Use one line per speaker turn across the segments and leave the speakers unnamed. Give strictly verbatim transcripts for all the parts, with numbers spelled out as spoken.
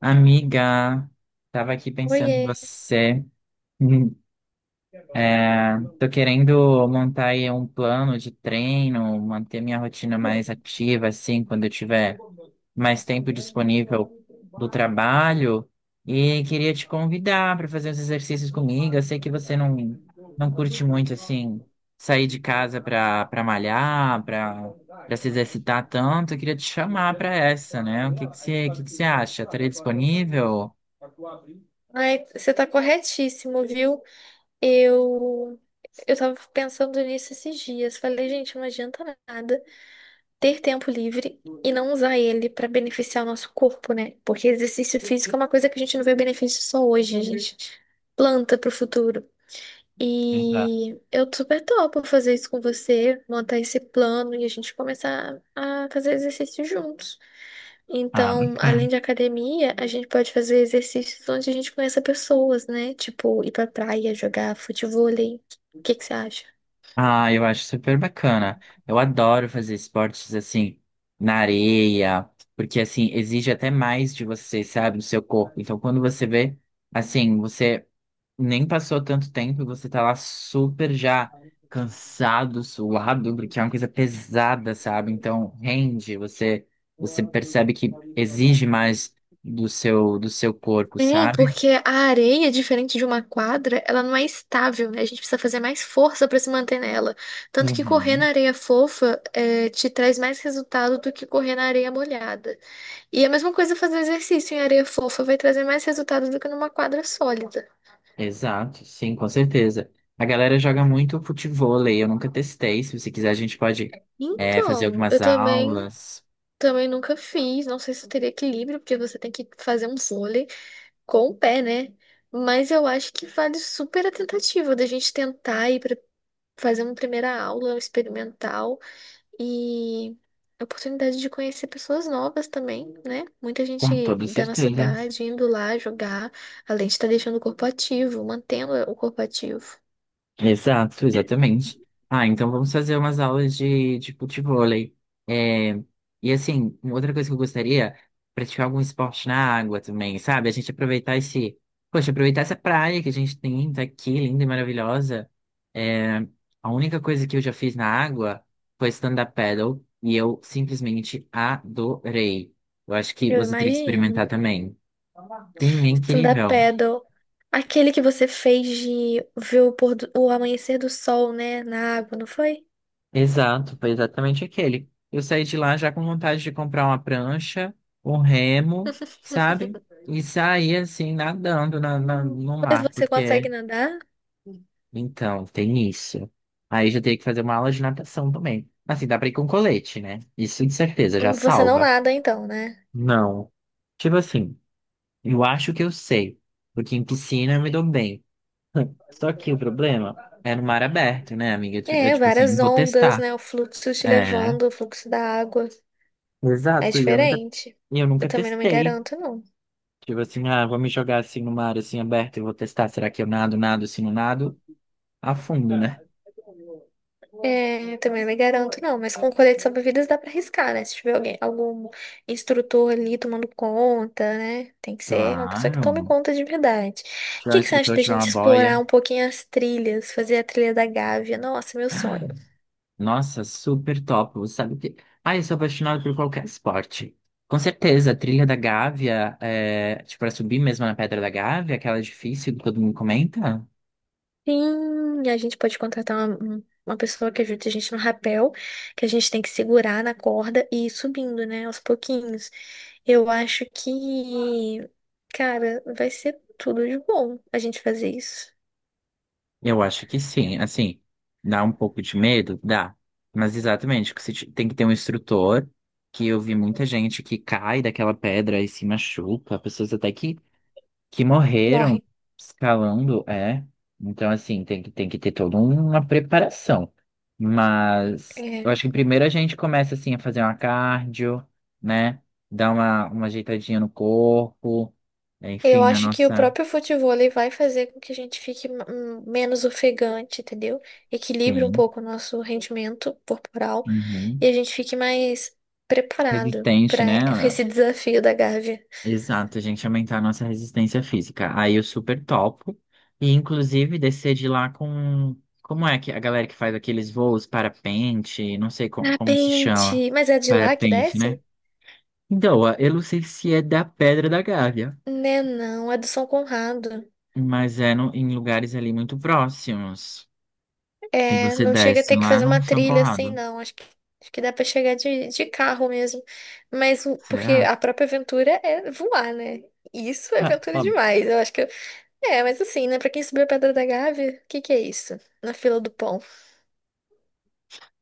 Amiga, tava aqui pensando em você. Hum. É, tô querendo montar aí um plano de treino, manter minha rotina mais ativa, assim, quando eu tiver mais tempo disponível do trabalho. E queria te convidar para fazer uns exercícios comigo. Eu sei que você não, não curte muito, assim, sair de casa para para malhar, para para se exercitar tanto. Eu queria te chamar para essa, né? O que que você, o que que você acha? Estaria disponível?
Ai, você tá corretíssimo, viu? Eu eu tava pensando nisso esses dias. Falei, gente, não adianta nada ter tempo livre e não usar ele pra beneficiar o nosso corpo, né? Porque exercício físico é uma coisa que a gente não vê benefício só hoje, a gente planta pro futuro. E eu super topo fazer isso com você, montar esse plano e a gente começar a fazer exercício juntos.
Ah,
Então,
bacana.
além de academia, a gente pode fazer exercícios onde a gente conheça pessoas, né? Tipo, ir pra praia, jogar futevôlei. O que que você acha?
Ah, eu acho super bacana. Eu adoro fazer esportes assim na areia, porque assim exige até mais de você, sabe, do seu corpo. Então, quando você vê, assim, você nem passou tanto tempo e você tá lá super já cansado, suado, porque é uma coisa pesada, sabe? Então, rende, você você percebe que exige mais do seu do seu corpo,
É,
sabe?
porque a areia, diferente de uma quadra, ela não é estável, né? A gente precisa fazer mais força pra se manter nela. Tanto que correr
Uhum.
na areia fofa é, te traz mais resultado do que correr na areia molhada. E a mesma coisa fazer exercício em areia fofa vai trazer mais resultado do que numa quadra sólida.
Exato, sim, com certeza. A galera joga muito futevôlei, eu nunca testei. Se você quiser, a gente pode, é, fazer
Então,
algumas
eu também
aulas.
Também nunca fiz, não sei se eu teria equilíbrio, porque você tem que fazer um vôlei com o pé, né? Mas eu acho que vale super a tentativa da gente tentar ir para fazer uma primeira aula experimental e a oportunidade de conhecer pessoas novas também, né? Muita
Com toda
gente da nossa
certeza.
idade indo lá jogar, além de estar deixando o corpo ativo, mantendo o corpo ativo.
Exato, exatamente. Ah, então vamos fazer umas aulas de, de futevôlei. É, e assim, uma outra coisa que eu gostaria, praticar algum esporte na água também, sabe? A gente aproveitar esse, poxa, aproveitar essa praia que a gente tem, tá aqui, linda e maravilhosa. É, a única coisa que eu já fiz na água foi stand-up paddle e eu simplesmente adorei. Eu acho que
Eu
você teria que
imagino.
experimentar também. Sim, é
Stand-up
incrível.
paddle. Aquele que você fez de ver o, pôr do- o amanhecer do sol, né? Na água, não foi?
Exato, foi exatamente aquele. Eu saí de lá já com vontade de comprar uma prancha, um remo, sabe? E sair assim, nadando na, na-
Hum,
no
Mas
mar,
você
porque
consegue nadar?
então tem isso. Aí já teria que fazer uma aula de natação também. Assim, dá pra ir com colete, né? Isso de certeza, já
Hum, Você não
salva.
nada, então, né?
Não. Tipo assim, eu acho que eu sei, porque em piscina eu me dou bem. Só que o problema é no mar aberto, né, amiga? Eu, tipo eu,
É,
tipo assim, não
várias
vou
ondas,
testar.
né? O fluxo te
É.
levando, o fluxo da água. É
Exato, e eu nunca
diferente.
e eu
Eu
nunca
também não me
testei.
garanto, não.
Tipo assim, ah, vou me jogar assim no mar assim aberto e vou testar. Será que eu nado, nado, assim, não nado? A fundo, né?
É, também não me garanto, não, mas com colete salva-vidas dá pra arriscar, né? Se tiver alguém, algum instrutor ali tomando conta, né? Tem que ser uma pessoa que tome
Claro.
conta de verdade. O
Tirar um
que que você acha
instrutor,
da
tirar uma
gente
boia.
explorar um pouquinho as trilhas, fazer a trilha da Gávea? Nossa, meu sonho.
Nossa, super top. Sabe o que? Ah, eu sou apaixonado por qualquer esporte. Com certeza, a trilha da Gávea, é, tipo, pra subir mesmo na Pedra da Gávea, aquela difícil que todo mundo comenta.
Sim, a gente pode contratar uma, um- uma pessoa que ajude a gente no rapel, que a gente tem que segurar na corda e ir subindo, né? Aos pouquinhos. Eu acho que, cara, vai ser tudo de bom a gente fazer isso.
Eu acho que sim. Assim, dá um pouco de medo? Dá. Mas exatamente, que você te- tem que ter um instrutor, que eu vi muita gente que cai daquela pedra e se machuca, pessoas até que, que morreram
Morrem.
escalando, é. Então, assim, tem que, tem que ter toda uma preparação. Mas eu
É.
acho que primeiro a gente começa, assim, a fazer uma cardio, né? Dar uma, uma ajeitadinha no corpo,
Eu
enfim, na
acho que o
nossa...
próprio futevôlei vai fazer com que a gente fique hum, menos ofegante, entendeu? Equilibre um
Sim.
pouco o nosso rendimento corporal e
Uhum.
a gente fique mais preparado para
Resistente, né?
esse desafio da Gávea.
Exato, a gente aumentar a nossa resistência física. Aí eu super topo. E inclusive descer de lá com. Como é que a galera que faz aqueles voos parapente, não sei como,
Ah,
como se chama.
Pente, mas é de lá que
Parapente,
desce?
né? Então, a- eu não sei se é da Pedra da Gávea,
Né, não, é do São Conrado.
mas é no- em lugares ali muito próximos. E
É,
você
não chega a
desce
ter que
lá
fazer uma
no São
trilha assim,
Conrado.
não. Acho que, acho que dá para chegar de, de carro mesmo. Mas o- porque
Será?
a própria aventura é voar, né? Isso é aventura demais. Eu acho que é, mas assim, né? Pra quem subiu a Pedra da Gávea, o que que é isso? Na fila do pão.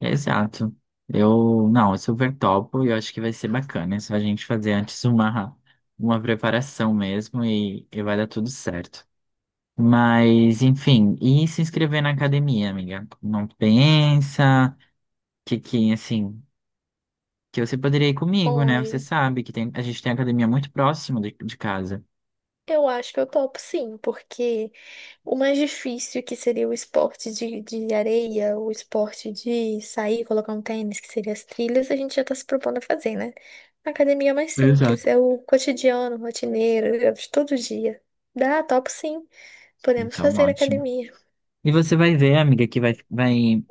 Exato. Eu, não, eu super topo e eu acho que vai ser bacana. É só a gente fazer antes uma, uma preparação mesmo e, e vai dar tudo certo. Mas, enfim, e se inscrever na academia, amiga? Não pensa que, que assim, que você poderia ir comigo, né? Você
Olha,
sabe que tem, a gente tem academia muito próximo de, de casa.
eu acho que eu topo sim, porque o mais difícil que seria o esporte de, de areia, o esporte de sair, colocar um tênis, que seria as trilhas, a gente já tá se propondo a fazer, né? A academia é mais simples,
Exato.
é o cotidiano, rotineiro, é de todo dia. Dá, topo sim. Podemos
Então,
fazer
ótimo.
academia.
E você vai ver, amiga, que vai, vai.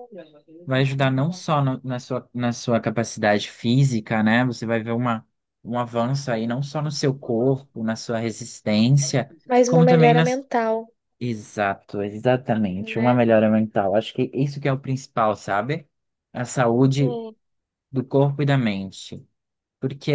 Vai ajudar não só no- na sua, na sua capacidade física, né? Você vai ver uma, um avanço aí, não só no seu corpo, na sua resistência,
Mais uma
como também
melhora
nas.
mental,
Exato, exatamente. Uma
né?
melhora mental. Acho que isso que é o principal, sabe? A saúde do corpo e da mente. Porque,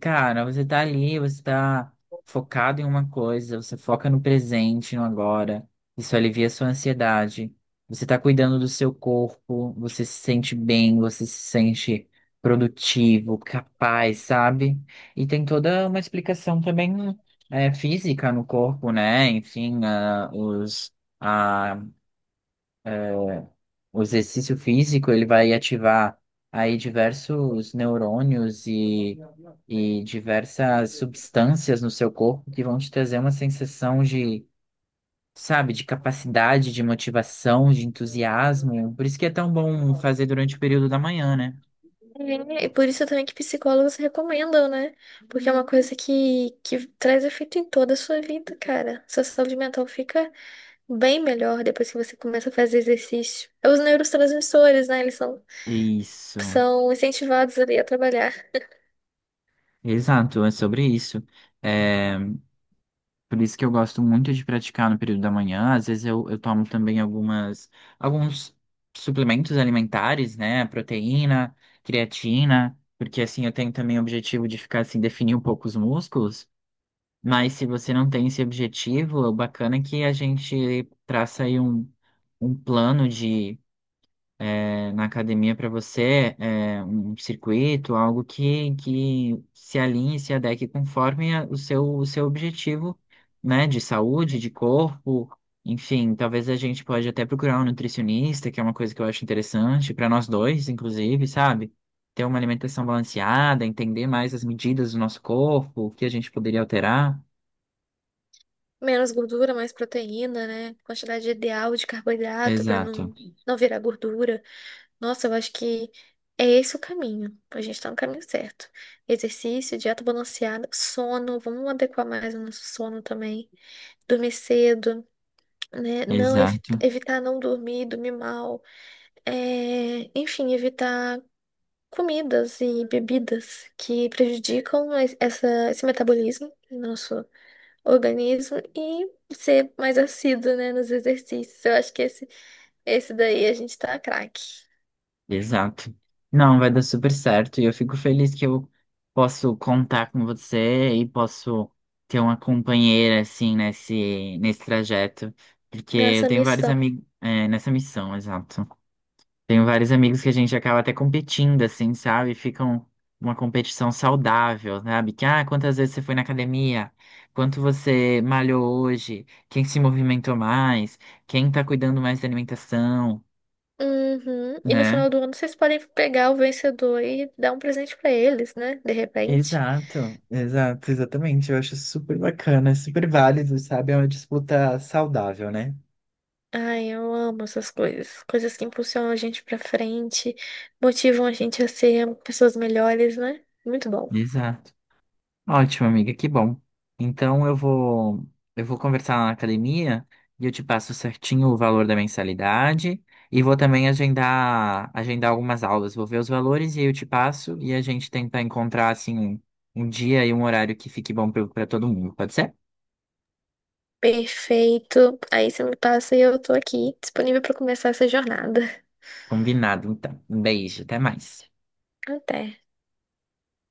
cara, você tá ali, você tá focado em uma coisa, você foca no presente, no agora. Isso alivia a sua ansiedade. Você tá cuidando do seu corpo, você se sente bem, você se sente produtivo, capaz, sabe? E tem toda uma explicação também é, física no corpo, né? Enfim, ah, os, o exercício físico, ele vai ativar aí diversos neurônios e, e diversas substâncias no seu corpo que vão te trazer uma sensação de, sabe, de capacidade, de motivação, de entusiasmo. Por isso que é tão bom fazer durante o período da manhã, né?
É, e por isso também que psicólogos recomendam, né? Porque é uma coisa que, que traz efeito em toda a sua vida, cara. Sua saúde mental fica bem melhor depois que você começa a fazer exercício. É, os neurotransmissores, né? Eles são,
Isso,
são incentivados ali a trabalhar.
exato, é sobre isso. Por isso que eu gosto muito de praticar no período da manhã. Às vezes eu, eu tomo também algumas, alguns suplementos alimentares, né? Proteína, creatina, porque assim eu tenho também o objetivo de ficar assim, definir um pouco os músculos. Mas se você não tem esse objetivo, o bacana é que a gente traça aí um, um plano de na academia para você é, é um circuito, algo que, que se alinhe, se adeque conforme a- o seu, o seu objetivo, né, de saúde, de corpo, enfim, talvez a gente pode até procurar um nutricionista, que é uma coisa que eu acho interessante para nós dois, inclusive, sabe? Ter uma alimentação balanceada, entender mais as medidas do nosso corpo, o que a gente poderia alterar.
Menos gordura, mais proteína, né? Quantidade ideal de carboidrato para
Exato,
não, não virar gordura. Nossa, eu acho que é esse o caminho. A gente tá no caminho certo. Exercício, dieta balanceada, sono. Vamos adequar mais o nosso sono também. Dormir cedo, né? Não evi-
exato.
evitar não dormir, dormir mal, é, enfim, evitar comidas e bebidas que prejudicam es- essa, esse metabolismo do nosso organismo e ser mais assíduo, né, nos exercícios. Eu acho que esse, esse daí a gente tá craque
Exato. Não, vai dar super certo. E eu fico feliz que eu posso contar com você e posso ter uma companheira, assim, nesse, nesse trajeto. Porque eu
nessa
tenho vários
missão.
amigos, nessa missão, exato. Tenho vários amigos que a gente acaba até competindo, assim, sabe? Ficam uma competição saudável, sabe? Que, ah, quantas vezes você foi na academia? Quanto você malhou hoje? Quem se movimentou mais? Quem tá cuidando mais da alimentação?
Uhum. E no
né?
final do ano vocês podem pegar o vencedor e dar um presente pra eles, né? De repente.
Exato, exato, exatamente. Eu acho super bacana, super válido, sabe? É uma disputa saudável, né?
Ai, eu amo essas coisas. Coisas que impulsionam a gente pra frente, motivam a gente a ser pessoas melhores, né? Muito bom.
Exato. Ótimo, amiga, que bom. Então eu vou eu vou conversar lá na academia e eu te passo certinho o valor da mensalidade e vou também agendar agendar algumas aulas. Vou ver os valores e aí eu te passo e a gente tenta encontrar assim um, um dia e um horário que fique bom para todo mundo. Pode ser?
Perfeito. Aí você me passa e eu tô aqui, disponível pra começar essa jornada.
Combinado, então. Um beijo, até mais.
Até.